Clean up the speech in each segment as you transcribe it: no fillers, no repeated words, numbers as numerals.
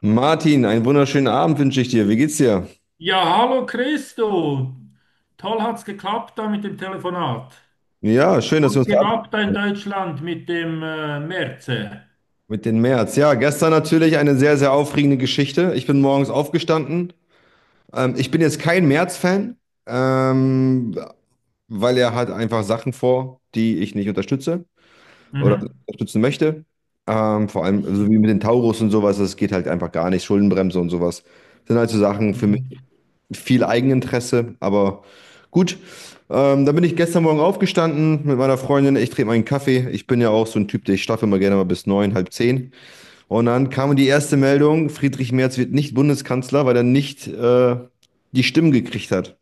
Martin, einen wunderschönen Abend wünsche ich dir. Wie geht's dir? Ja, hallo Christo. Toll hat's geklappt da mit dem Telefonat. Ja, schön, dass wir Was uns geht verabreden ab da in können Deutschland mit dem Merz? mit den März. Ja, gestern natürlich eine sehr, sehr aufregende Geschichte. Ich bin morgens aufgestanden. Ich bin jetzt kein März-Fan, ähm, weil er hat einfach Sachen vor, die ich nicht unterstütze oder Mhm. unterstützen möchte. Vor allem so wie mit den Taurus und sowas, das geht halt einfach gar nicht. Schuldenbremse und sowas sind halt so Sachen für mich. Mhm. Viel Eigeninteresse, aber gut. Dann bin ich gestern Morgen aufgestanden mit meiner Freundin. Ich trinke meinen Kaffee. Ich bin ja auch so ein Typ, der ich schlafe immer gerne mal bis neun, halb zehn. Und dann kam die erste Meldung: Friedrich Merz wird nicht Bundeskanzler, weil er nicht die Stimmen gekriegt hat.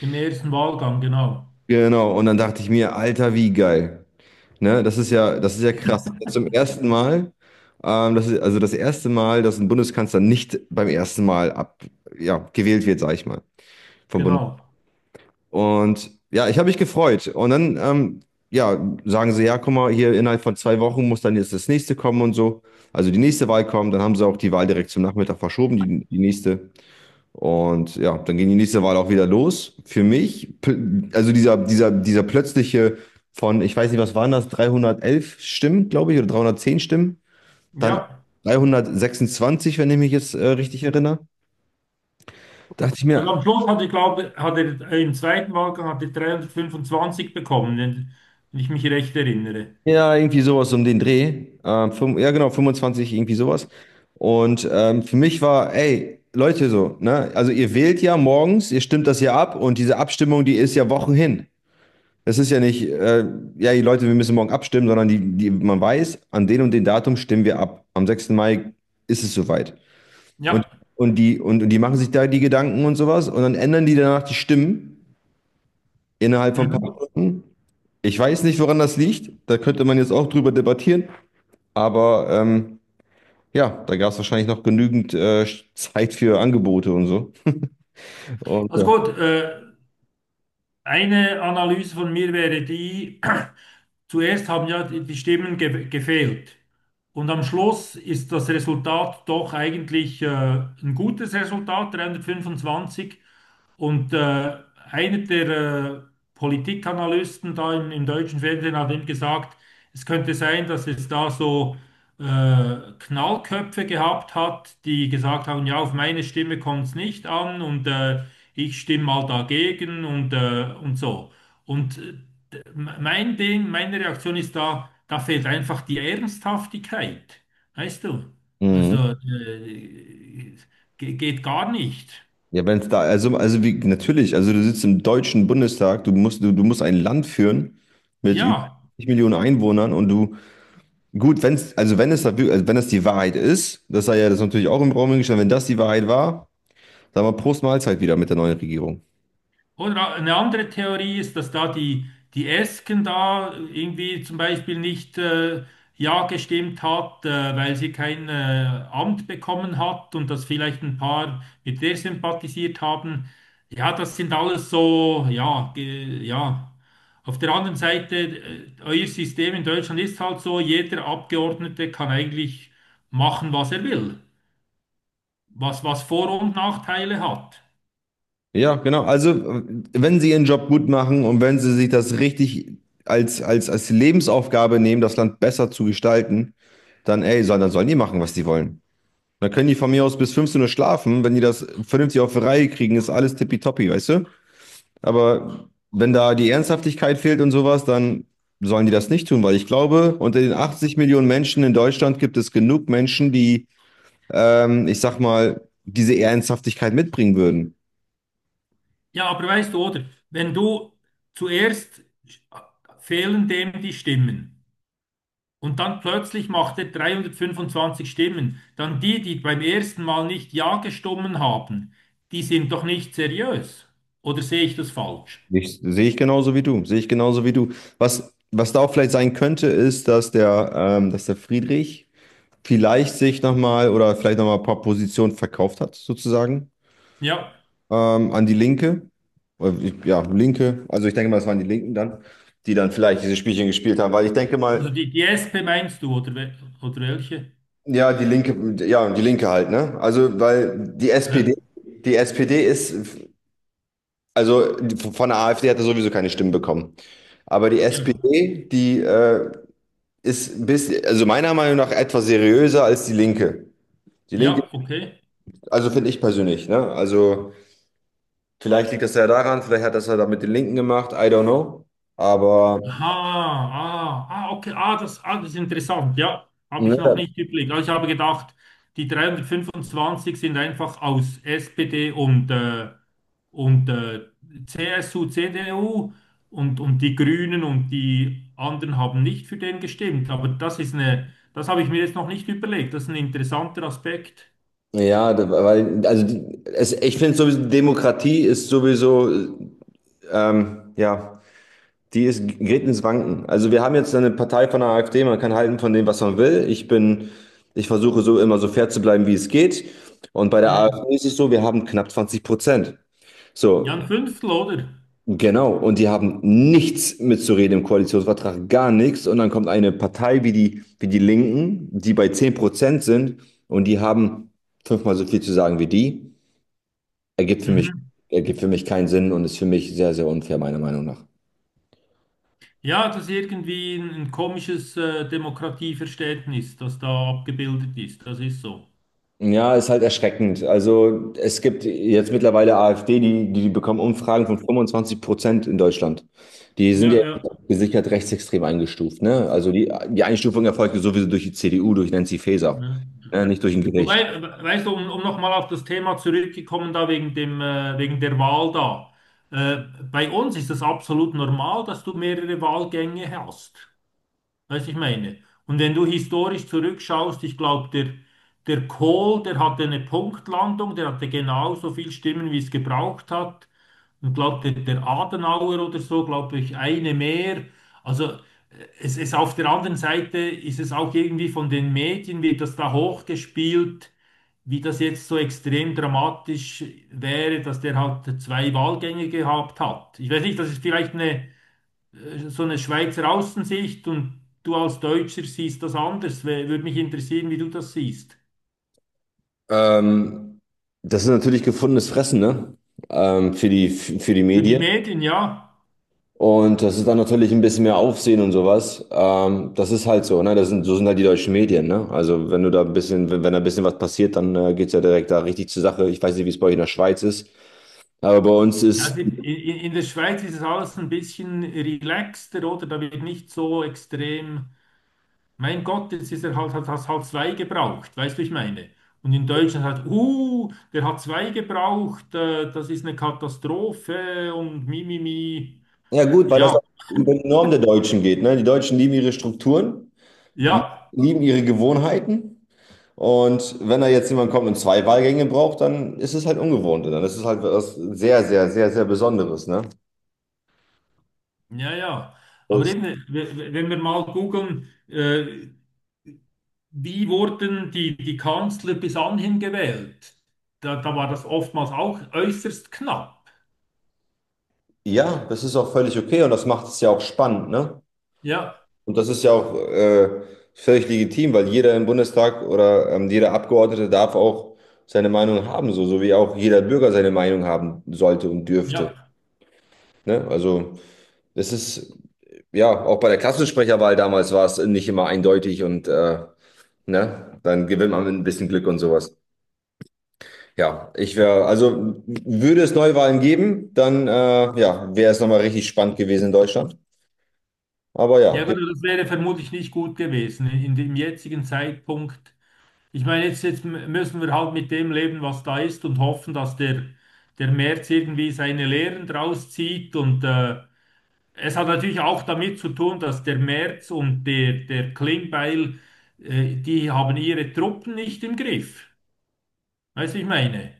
Im ersten Wahlgang, genau. Genau. Und dann dachte ich mir: Alter, wie geil. Ne? Das ist ja krass. Zum ersten Mal, das ist also das erste Mal, dass ein Bundeskanzler nicht beim ersten Mal ja, gewählt wird, sag ich mal, vom Bundestag. Genau. Und ja, ich habe mich gefreut. Und dann, ja, sagen sie: Ja, guck mal, hier innerhalb von 2 Wochen muss dann jetzt das nächste kommen und so. Also die nächste Wahl kommt, dann haben sie auch die Wahl direkt zum Nachmittag verschoben, die nächste. Und ja, dann ging die nächste Wahl auch wieder los. Für mich, also dieser plötzliche von, ich weiß nicht, was waren das, 311 Stimmen, glaube ich, oder 310 Stimmen, dann auf Ja. 326, wenn ich mich jetzt richtig erinnere, dachte ich Und mir: am Schluss hat er, glaube hat er im zweiten Wahlgang hat er 325 bekommen, wenn ich mich recht erinnere. Ja, irgendwie sowas um den Dreh. Ja, genau, fünfundzwanzig, irgendwie sowas. Und für mich war: Ey, Leute, so, ne? Also ihr wählt ja morgens, ihr stimmt das ja ab, und diese Abstimmung, die ist ja Wochen hin. Das ist ja nicht ja, die Leute, wir müssen morgen abstimmen, sondern die, man weiß, an den und den Datum stimmen wir ab. Am 6. Mai ist es soweit. Und, Ja. und die machen sich da die Gedanken und sowas, und dann ändern die danach die Stimmen innerhalb von ein paar Mhm. Stunden. Ich weiß nicht, woran das liegt. Da könnte man jetzt auch drüber debattieren. Aber ja, da gab es wahrscheinlich noch genügend Zeit für Angebote und so. Und, Also ja. gut, eine Analyse von mir wäre die, zuerst haben ja die Stimmen ge gefehlt. Und am Schluss ist das Resultat doch eigentlich ein gutes Resultat, 325. Und einer der äh, Politikanalysten da im deutschen Fernsehen hat eben gesagt, es könnte sein, dass es da so äh, Knallköpfe gehabt hat, die gesagt haben, ja, auf meine Stimme kommt es nicht an, und ich stimme mal dagegen und und so. Und mein Ding, meine Reaktion ist da, da fehlt einfach die Ernsthaftigkeit. Weißt du? Also Mhm. äh, äh, geht gar nicht. Ja, wenn es da, also, natürlich, also du sitzt im Deutschen Bundestag, du musst ein Land führen mit über Ja. 50 Millionen Einwohnern und du, gut, wenn es, also wenn das die Wahrheit ist, das sei ja das natürlich auch im Raum gestellt, wenn das die Wahrheit war, dann mal Prost Mahlzeit wieder mit der neuen Regierung. Oder eine andere Theorie ist, dass da die Esken da irgendwie zum Beispiel nicht ja gestimmt hat, weil sie kein Amt bekommen hat und dass vielleicht ein paar mit der sympathisiert haben. Ja, das sind alles so, ja. Auf der anderen Seite, euer System in Deutschland ist halt so, jeder Abgeordnete kann eigentlich machen, was er will, was, was Vor- und Nachteile hat. Ja, genau. Also, wenn sie ihren Job gut machen und wenn sie sich das richtig als Lebensaufgabe nehmen, das Land besser zu gestalten, dann, ey, dann sollen die machen, was die wollen. Dann können die von mir aus bis 15 Uhr schlafen. Wenn die das vernünftig auf die Reihe kriegen, ist alles tippitoppi, weißt du? Aber wenn da die Ernsthaftigkeit fehlt und sowas, dann sollen die das nicht tun, weil ich glaube, unter den 80 Millionen Menschen in Deutschland gibt es genug Menschen, die, ich sag mal, diese Ernsthaftigkeit mitbringen würden. Ja, aber weißt du, oder? Wenn du zuerst fehlen dem die Stimmen und dann plötzlich macht er 325 Stimmen, dann die, die beim ersten Mal nicht ja gestimmt haben, die sind doch nicht seriös. Oder sehe ich das falsch? Sehe ich genauso wie du, sehe ich genauso wie du. Was da auch vielleicht sein könnte, ist, dass der Friedrich vielleicht sich nochmal, oder vielleicht nochmal ein paar Positionen verkauft hat, sozusagen, Ja, an die Linke. Oder ja, Linke. Also ich denke mal, es waren die Linken dann, die dann vielleicht diese Spielchen gespielt haben, weil ich denke also mal, die SP meinst du, oder, oder welche? Ja, die Linke halt, ne? Also, weil die Hä? SPD, die SPD ist, von der AfD hat er sowieso keine Stimmen bekommen. Aber die Ja, SPD, die ist ein bisschen, also meiner Meinung nach, etwas seriöser als die Linke. Die Linke, ja, okay. also finde ich persönlich, ne? Also vielleicht liegt das ja daran, vielleicht hat das ja da mit den Linken gemacht, I don't know. Aber Aha, okay, das ist interessant, ja, habe ich noch ne, nicht überlegt. Also ich habe gedacht, die 325 sind einfach aus SPD und CSU, CDU und die Grünen und die anderen haben nicht für den gestimmt. Aber das ist eine, das habe ich mir jetzt noch nicht überlegt. Das ist ein interessanter Aspekt. ja, weil, also die, es, ich finde sowieso, Demokratie ist sowieso, ja, gerät ins Wanken. Also wir haben jetzt eine Partei von der AfD, man kann halten von dem, was man will. Ich versuche so immer so fair zu bleiben, wie es geht. Und bei der Mhm. AfD ist es so, wir haben knapp 20%. Ja, So. ein Fünftel, oder? Genau, und die haben nichts mitzureden im Koalitionsvertrag, gar nichts. Und dann kommt eine Partei wie die, Linken, die bei 10% sind, und die haben fünfmal so viel zu sagen wie die. Ergibt für mich, Mhm. ergibt für mich keinen Sinn und ist für mich sehr, sehr unfair, meiner Meinung nach. Ja, das ist irgendwie ein komisches Demokratieverständnis, das da abgebildet ist. Das ist so. Ja, ist halt erschreckend. Also es gibt jetzt mittlerweile AfD, die bekommen Umfragen von 25% in Deutschland. Die sind ja Ja, ja. gesichert rechtsextrem eingestuft. Ne? Also die Einstufung erfolgte sowieso durch die CDU, durch Nancy Faeser, Ne? ne? Nicht durch ein Wobei, Gericht. Weißt du, um nochmal auf das Thema zurückgekommen, da wegen wegen der Wahl da. Äh, Bei uns ist das absolut normal, dass du mehrere Wahlgänge hast. Weißt du, ich meine? Und wenn du historisch zurückschaust, ich glaube, der Kohl, der hatte eine Punktlandung, der hatte genauso viel Stimmen, wie es gebraucht hat. Und glaube, der Adenauer oder so, glaube ich, eine mehr. Also es ist auf der anderen Seite, ist es auch irgendwie von den Medien, wird das da hochgespielt, wie das jetzt so extrem dramatisch wäre, dass der halt zwei Wahlgänge gehabt hat. Ich weiß nicht, das ist vielleicht eine so eine Schweizer Außensicht und du als Deutscher siehst das anders. Würde mich interessieren, wie du das siehst. Ähm, Das ist natürlich gefundenes Fressen, ne? Für die Für die Medien. Medien, ja. Und das ist dann natürlich ein bisschen mehr Aufsehen und sowas. Das ist halt so, ne? So sind halt die deutschen Medien, ne? Also wenn du da ein bisschen, wenn da ein bisschen was passiert, dann geht's ja direkt da richtig zur Sache. Ich weiß nicht, wie es bei euch in der Schweiz ist, aber bei uns Also ist, in der Schweiz ist es alles ein bisschen relaxter, oder? Da wird nicht so extrem, mein Gott, jetzt ist er halt, hat halt zwei gebraucht, weißt du, ich meine. Und in Deutschland halt, der hat zwei gebraucht, das ist eine Katastrophe und mimimi. ja gut, weil das Ja, auch über die Norm der Deutschen geht, ne? Die Deutschen lieben ihre Strukturen, lie- ja, lieben ihre Gewohnheiten. Und wenn da jetzt jemand kommt und zwei Wahlgänge braucht, dann ist es halt ungewohnt. Und dann ist es halt was sehr, sehr, sehr, sehr Besonderes, ne? ja, ja. Aber Das, eben, wenn wir mal googeln, wie wurden die Kanzler bis anhin gewählt? Da, da war das oftmals auch äußerst knapp. ja, das ist auch völlig okay, und das macht es ja auch spannend, ne? Ja, Und das ist ja auch völlig legitim, weil jeder im Bundestag oder jeder Abgeordnete darf auch seine Meinung haben, so, so wie auch jeder Bürger seine Meinung haben sollte und dürfte. ja. Ne? Es ist, ja, auch bei der Klassensprecherwahl damals war es nicht immer eindeutig, und ne, dann gewinnt man mit ein bisschen Glück und sowas. Ja, also würde es Neuwahlen geben, dann ja, wäre es nochmal richtig spannend gewesen in Deutschland. Aber Ja, ja. gut, das wäre vermutlich nicht gut gewesen in dem jetzigen Zeitpunkt. Ich meine, jetzt müssen wir halt mit dem leben, was da ist und hoffen, dass der März irgendwie seine Lehren draus zieht. Und es hat natürlich auch damit zu tun, dass der März und der Klingbeil, die haben ihre Truppen nicht im Griff. Weißt du, ich meine?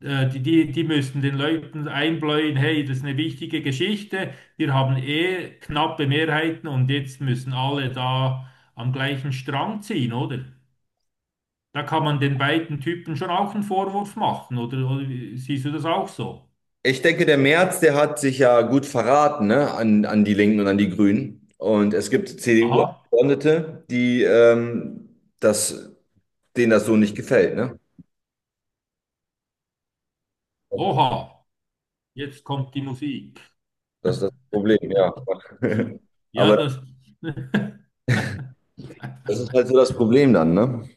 Die, die müssten den Leuten einbläuen, hey, das ist eine wichtige Geschichte, wir haben eh knappe Mehrheiten und jetzt müssen alle da am gleichen Strang ziehen, oder? Da kann man den beiden Typen schon auch einen Vorwurf machen, oder, siehst du das auch so? Ich denke, der Merz, der hat sich ja gut verraten, ne, an die Linken und an die Grünen. Und es gibt Aha, CDU-Abgeordnete, denen das so nicht gefällt, ne? oha, jetzt kommt die Musik. Das ist das Problem, ja. Ja, Aber das. das ist halt so das Problem dann, ne?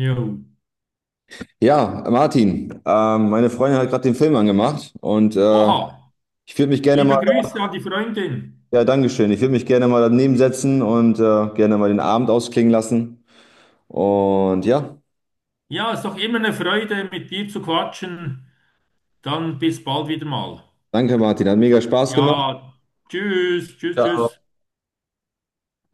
Jo. Ja, Martin, meine Freundin hat gerade den Film angemacht, und Oha, ich würde mich gerne mal, liebe Grüße an die Freundin. ja, Dankeschön, ich würde mich gerne mal daneben setzen und gerne mal den Abend ausklingen lassen. Und ja, Ja, ist doch immer eine Freude, mit dir zu quatschen. Dann bis bald wieder mal. danke, Martin, hat mega Spaß gemacht. Ja, tschüss, tschüss, tschüss. Ja,